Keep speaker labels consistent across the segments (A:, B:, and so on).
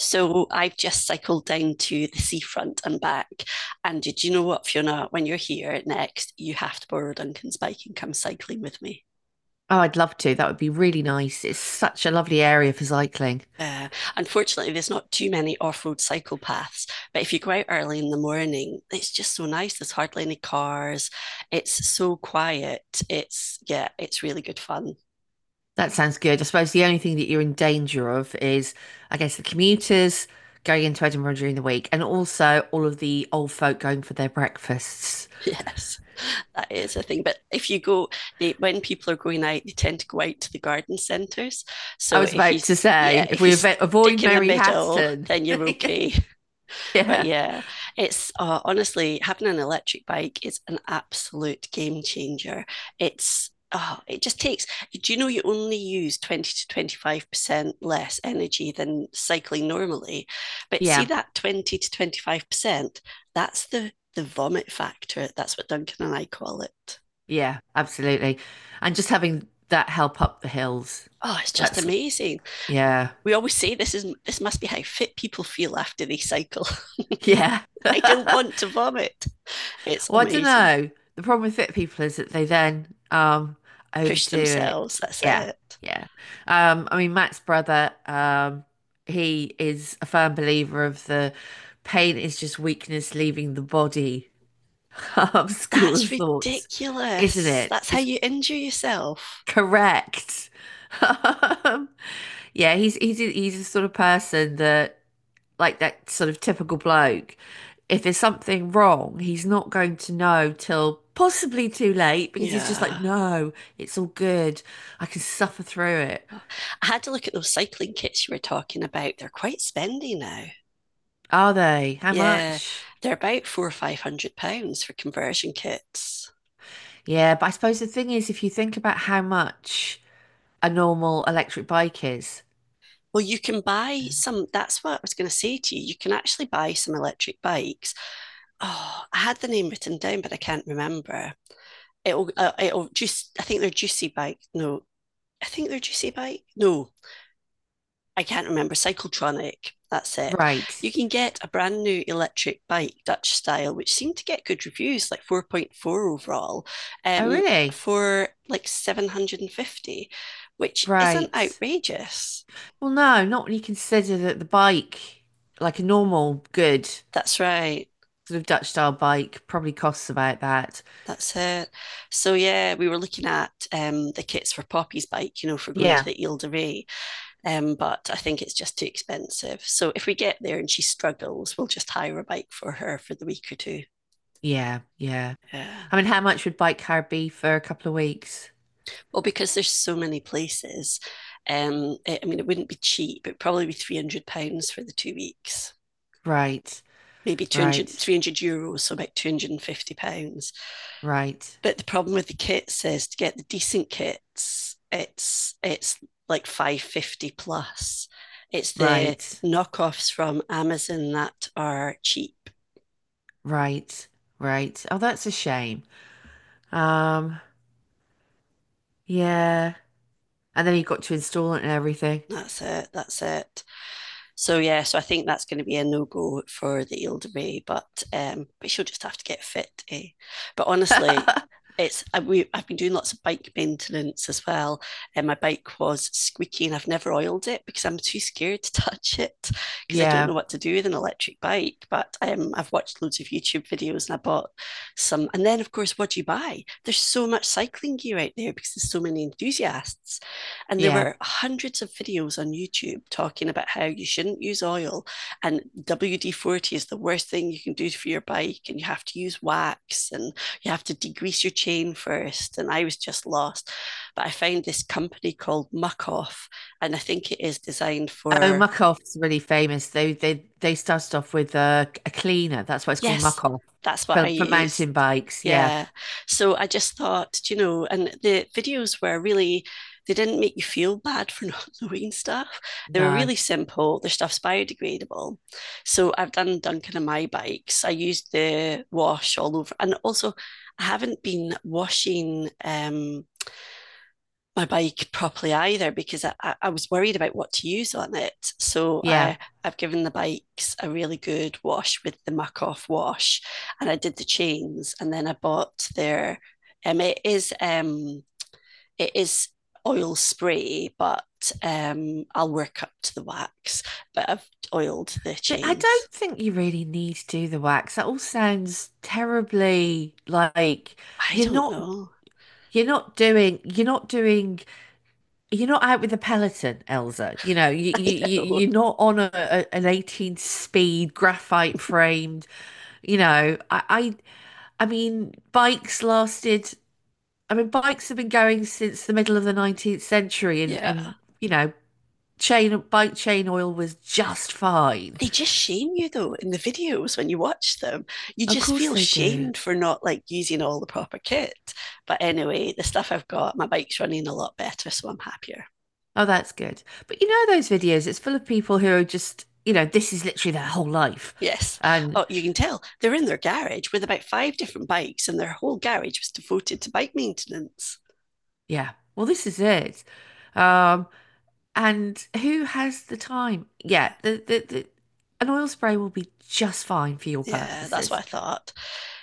A: So I've just cycled down to the seafront and back. And did you know what, Fiona? When you're here next, you have to borrow Duncan's bike and come cycling with me.
B: Oh, I'd love to. That would be really nice. It's such a lovely area for cycling.
A: Uh, unfortunately, there's not too many off-road cycle paths, but if you go out early in the morning, it's just so nice. There's hardly any cars. It's so quiet. It's Yeah, it's really good fun.
B: That sounds good. I suppose the only thing that you're in danger of is, I guess, the commuters going into Edinburgh during the week and also all of the old folk going for their breakfasts.
A: Yes, that is a thing. But if you go, they when people are going out, they tend to go out to the garden centres.
B: I
A: So
B: was
A: if you,
B: about to say,
A: Yeah,
B: if
A: if you
B: we avoid
A: stick in the
B: Mary
A: middle,
B: Hatton.
A: then you're okay. But
B: Yeah,
A: yeah, it's honestly, having an electric bike is an absolute game changer. It's Oh, it just takes. Do you know you only use 20 to 25% less energy than cycling normally? But see
B: yeah,
A: that 20 to 25%, that's the vomit factor. That's what Duncan and I call it.
B: yeah, absolutely. And just having that help up the hills.
A: Oh, it's just
B: That's,
A: amazing.
B: yeah,
A: We always say this must be how fit people feel after they cycle.
B: yeah.
A: I don't want to vomit. It's
B: Well, I don't
A: amazing.
B: know. The problem with fit people is that they then
A: Push
B: overdo
A: themselves.
B: it.
A: That's
B: Yeah,
A: it.
B: yeah. I mean Matt's brother, he is a firm believer of the pain is just weakness leaving the body school
A: That's
B: of thoughts, isn't
A: ridiculous.
B: it?
A: That's how
B: It's
A: you injure yourself.
B: correct. Um, yeah, he's the sort of person that like that sort of typical bloke, if there's something wrong, he's not going to know till possibly too late because he's just like,
A: Yeah.
B: no, it's all good. I can suffer through it.
A: I had to look at those cycling kits you were talking about. They're quite spendy now.
B: Are they? How
A: Yeah.
B: much?
A: They're about four or five hundred pounds for conversion kits.
B: Yeah, but I suppose the thing is, if you think about how much a normal electric bike is,
A: Well, you can buy some. That's what I was going to say to you. You can actually buy some electric bikes. Oh, I had the name written down, but I can't remember. It'll just. I think they're juicy bike. No, I think they're juicy bike. No, I can't remember, Cyclotronic, that's it.
B: right.
A: You can get a brand new electric bike, Dutch style, which seemed to get good reviews, like 4.4 overall,
B: Oh,
A: um,
B: really?
A: for like 750, which isn't
B: Right.
A: outrageous.
B: Well, no, not when you consider that the bike, like a normal, good
A: That's right.
B: sort of Dutch style bike, probably costs about that.
A: That's it. So yeah, we were looking at the kits for Poppy's bike, you know, for going to
B: Yeah.
A: the Ile de Ré, but I think it's just too expensive. So if we get there and she struggles, we'll just hire a bike for her for the week or two.
B: Yeah, yeah.
A: Yeah.
B: I mean, how much would Bike Car be for a couple of weeks?
A: Well, because there's so many places, I mean, it wouldn't be cheap. It'd probably be £300 for the 2 weeks,
B: Right,
A: maybe 200,
B: right,
A: €300, so about £250.
B: right,
A: But the problem with the kits is, to get the decent kits, it's like 550 plus. It's the
B: right,
A: knockoffs from Amazon that are cheap.
B: right, right. Oh, that's a shame. Um, yeah. And then you've got to install it and everything.
A: That's it. That's it. So yeah, so I think that's going to be a no go for the Eldebay, but she'll just have to get fit. Eh? But honestly, it's I- we I've been doing lots of bike maintenance as well, and my bike was squeaky, and I've never oiled it because I'm too scared to touch it because I don't
B: Yeah,
A: know what to do with an electric bike. But I've watched loads of YouTube videos, and I bought some. And then, of course, what do you buy? There's so much cycling gear out there because there's so many enthusiasts. And there
B: yeah.
A: were hundreds of videos on YouTube talking about how you shouldn't use oil, and WD 40 is the worst thing you can do for your bike. And you have to use wax, and you have to degrease your chain first. And I was just lost. But I found this company called Muck Off, and I think it is designed
B: Oh,
A: for.
B: Muck Off's really famous. They started off with a cleaner. That's why it's called
A: Yes,
B: Muck Off
A: that's what I
B: for
A: used.
B: mountain bikes. Yeah.
A: Yeah. So I just thought, you know, and the videos were really, they didn't make you feel bad for not knowing stuff. They were
B: No.
A: really simple. Their stuff's biodegradable. So I've done Duncan and my bikes. I used the wash all over. And also, I haven't been washing my bike properly either, because I was worried about what to use on it. So
B: Yeah.
A: I, I've given the bikes a really good wash with the Muck Off wash. And I did the chains, and then I bought their um it is um it is oil spray, but I'll work up to the wax. But I've oiled the
B: But I
A: chains.
B: don't think you really need to do the wax. That all sounds terribly like
A: I
B: you're
A: don't
B: not
A: know.
B: you're not doing you're not doing you're not out with a peloton, Elsa. You know, you
A: I
B: you you-
A: know.
B: you're not on a an 18 speed graphite framed, you know. I mean bikes lasted I mean bikes have been going since the middle of the 19th century and
A: Yeah.
B: and you know, chain bike chain oil was just fine.
A: They just shame you though in the videos when you watch them. You
B: Of
A: just
B: course
A: feel
B: they do.
A: shamed for not like using all the proper kit. But anyway, the stuff I've got, my bike's running a lot better, so I'm happier.
B: Oh, that's good. But you know those videos, it's full of people who are just, you know, this is literally their whole life.
A: Yes.
B: And
A: Oh, you can tell they're in their garage with about five different bikes, and their whole garage was devoted to bike maintenance.
B: yeah, well, this is it. Um, and who has the time? Yeah, the an oil spray will be just fine for your
A: Yeah, that's what
B: purposes.
A: I thought.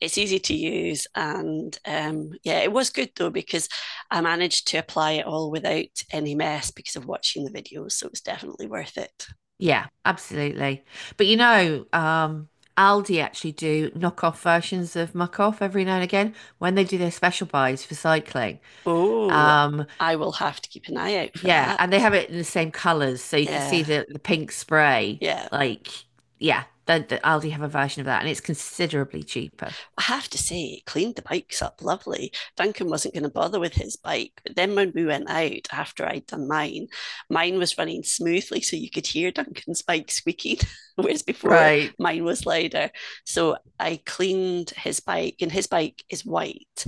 A: It's easy to use, and yeah, it was good though because I managed to apply it all without any mess because of watching the videos, so it was definitely worth it.
B: Yeah, absolutely. But you know, Aldi actually do knockoff versions of Muck Off every now and again when they do their special buys for cycling.
A: Oh,
B: Um,
A: I will have to keep an eye out for
B: Yeah, and they
A: that.
B: have it in the same colors, so you can see
A: Yeah.
B: the pink spray.
A: Yeah.
B: Like, yeah, the Aldi have a version of that, and it's considerably cheaper.
A: I have to say, it cleaned the bikes up lovely. Duncan wasn't going to bother with his bike. But then when we went out after I'd done mine, mine was running smoothly, so you could hear Duncan's bike squeaking, whereas before
B: Right.
A: mine was louder. So I cleaned his bike, and his bike is white.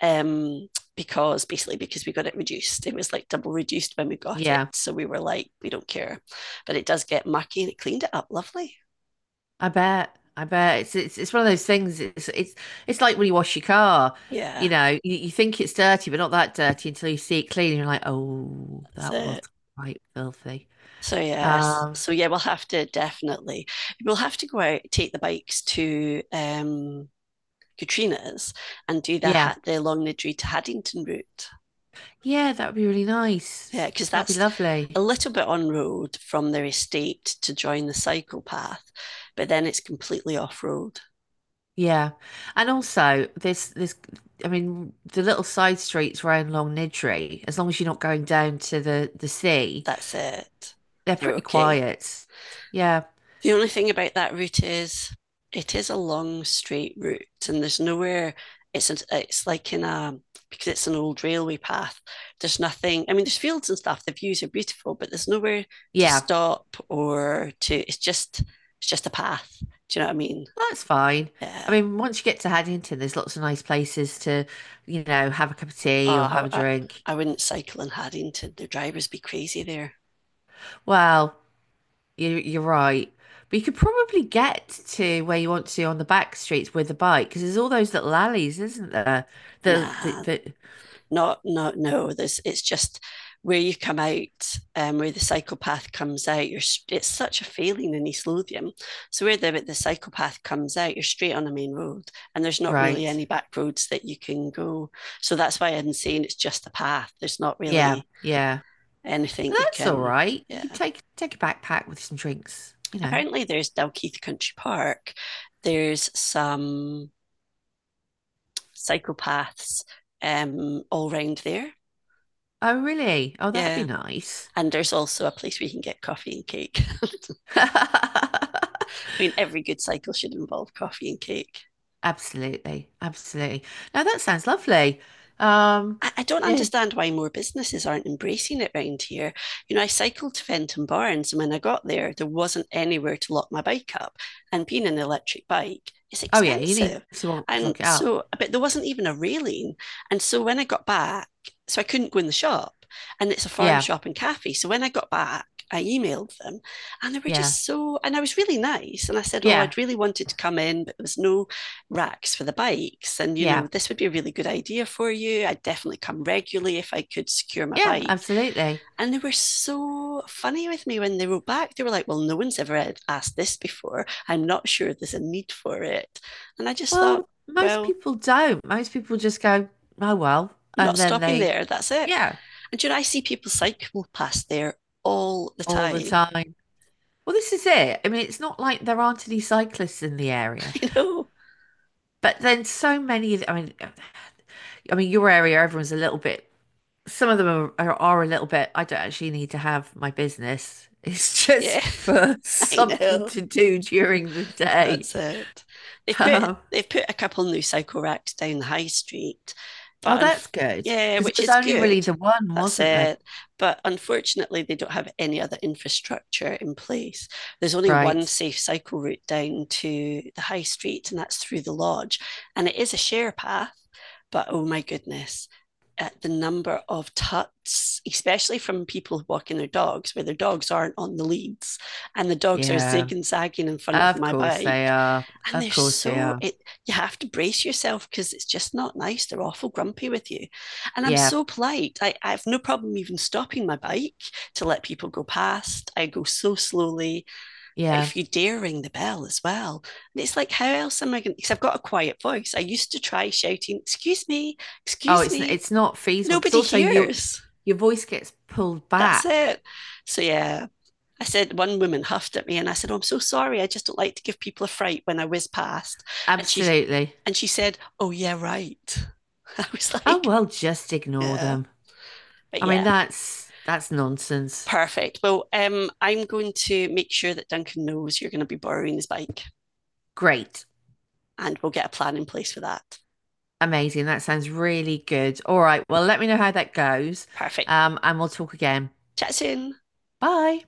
A: Um, because basically, because we got it reduced, it was like double reduced when we got it,
B: Yeah,
A: so we were like, we don't care, but it does get mucky, and it cleaned it up lovely.
B: I bet. I bet it's one of those things. It's like when you wash your car.
A: Yeah,
B: You know, you think it's dirty, but not that dirty until you see it clean, and you're like, oh,
A: that's
B: that was
A: it.
B: quite filthy.
A: So yes,
B: Um,
A: so yeah, we'll have to definitely, we'll have to go out, take the bikes to Katrina's, and do the
B: yeah,
A: the Longnidree to Haddington route.
B: yeah, that would be really nice.
A: Yeah, because
B: That'd be
A: that's a
B: lovely.
A: little bit on road from their estate to join the cycle path, but then it's completely off road.
B: Yeah. And also this I mean the little side streets around Long Nidri, as long as you're not going down to the sea,
A: That's it.
B: they're
A: They're
B: pretty
A: okay.
B: quiet. Yeah.
A: The only thing about that route is, it is a long straight route, and there's nowhere, it's like in a because it's an old railway path, there's nothing. I mean, there's fields and stuff, the views are beautiful, but there's nowhere to
B: Yeah.
A: stop or to, it's just a path. Do you know what I mean?
B: That's fine. I
A: Yeah.
B: mean, once you get to Haddington, there's lots of nice places to, you know, have a cup of tea or
A: uh,
B: have a
A: I, I,
B: drink.
A: I wouldn't cycle in Haddington, the drivers be crazy there.
B: Well, you you're right. But you could probably get to where you want to on the back streets with a bike because there's all those little alleys, isn't there?
A: Nah,
B: The
A: not, no, no, there's, it's just where you come out, where the psychopath comes out, you're it's such a feeling in East Lothian. So where the psychopath comes out, you're straight on a main road, and there's not really
B: right.
A: any back roads that you can go. So that's why I'm saying it's just a path, there's not
B: Yeah.
A: really
B: Yeah.
A: anything
B: But
A: you
B: that's all
A: can.
B: right. You
A: Yeah.
B: can take take a backpack with some drinks, you know.
A: Apparently there's Dalkeith Country Park, there's some psychopaths all round there.
B: Oh, really? Oh, that'd be
A: Yeah.
B: nice.
A: And there's also a place where you can get coffee and cake. I mean, every good cycle should involve coffee and cake.
B: Absolutely, absolutely. Now that sounds lovely. Um,
A: I don't
B: yeah.
A: understand why more businesses aren't embracing it round here. You know, I cycled to Fenton Barnes, and when I got there, there wasn't anywhere to lock my bike up. And being an electric bike, it's
B: Oh, yeah. You need
A: expensive.
B: to
A: And
B: look it up.
A: so, but there wasn't even a railing. And so when I got back, so I couldn't go in the shop. And it's a farm
B: Yeah,
A: shop and cafe. So when I got back, I emailed them, and they were
B: yeah,
A: just so, and I was really nice. And I said, oh,
B: yeah,
A: I'd really wanted to come in, but there was no racks for the bikes. And, you know,
B: yeah,
A: this would be a really good idea for you. I'd definitely come regularly if I could secure my
B: yeah.
A: bike.
B: Absolutely.
A: And they were so funny with me when they wrote back. They were like, well, no one's ever asked this before. I'm not sure there's a need for it. And I just thought,
B: Well, most
A: well,
B: people don't. Most people just go, oh well,
A: I'm not
B: and then
A: stopping
B: they,
A: there. That's it.
B: yeah,
A: And, you know, I see people cycle past there all the
B: all the
A: time.
B: time. Well, this is it. I mean, it's not like there aren't any cyclists in the area.
A: You know?
B: But then so many of the- I mean your area everyone's a little bit some of them are a little bit I don't actually need to have my business. It's just
A: Yeah,
B: for
A: I
B: something
A: know.
B: to do during the day.
A: That's it. They've put
B: Um,
A: they've put a couple new cycle racks down the high street,
B: oh
A: but
B: that's
A: unf-
B: good.
A: yeah,
B: Because it
A: which
B: was
A: is
B: only really
A: good.
B: the one,
A: That's
B: wasn't there?
A: it. But unfortunately, they don't have any other infrastructure in place. There's only one
B: Right.
A: safe cycle route down to the high street, and that's through the lodge. And it is a share path, but oh my goodness, at the number of tuts, especially from people walking their dogs, where their dogs aren't on the leads, and the dogs are zig
B: Yeah.
A: and zagging in front of
B: Of
A: my
B: course they
A: bike.
B: are.
A: And
B: Of
A: they're
B: course they
A: so
B: are.
A: it, you have to brace yourself because it's just not nice. They're awful grumpy with you. And I'm
B: Yeah.
A: so polite. I have no problem even stopping my bike to let people go past. I go so slowly. But
B: Yeah.
A: if you dare ring the bell as well, and it's like, how else am I going to? Because I've got a quiet voice. I used to try shouting, "Excuse me,
B: Oh,
A: excuse me."
B: it's not feasible because
A: Nobody
B: also
A: hears.
B: your voice gets pulled
A: That's
B: back.
A: it. So yeah, I said, one woman huffed at me, and I said, oh, I'm so sorry, I just don't like to give people a fright when I whiz past. And she,
B: Absolutely.
A: and she said, oh, yeah, right. I was
B: Oh
A: like,
B: well, just ignore
A: yeah,
B: them.
A: but
B: I mean,
A: yeah,
B: that's nonsense.
A: perfect. Well, I'm going to make sure that Duncan knows you're going to be borrowing his bike,
B: Great.
A: and we'll get a plan in place for that.
B: Amazing. That sounds really good. All right. Well, let me know how that goes.
A: Perfect.
B: And we'll talk again.
A: Chat soon.
B: Bye.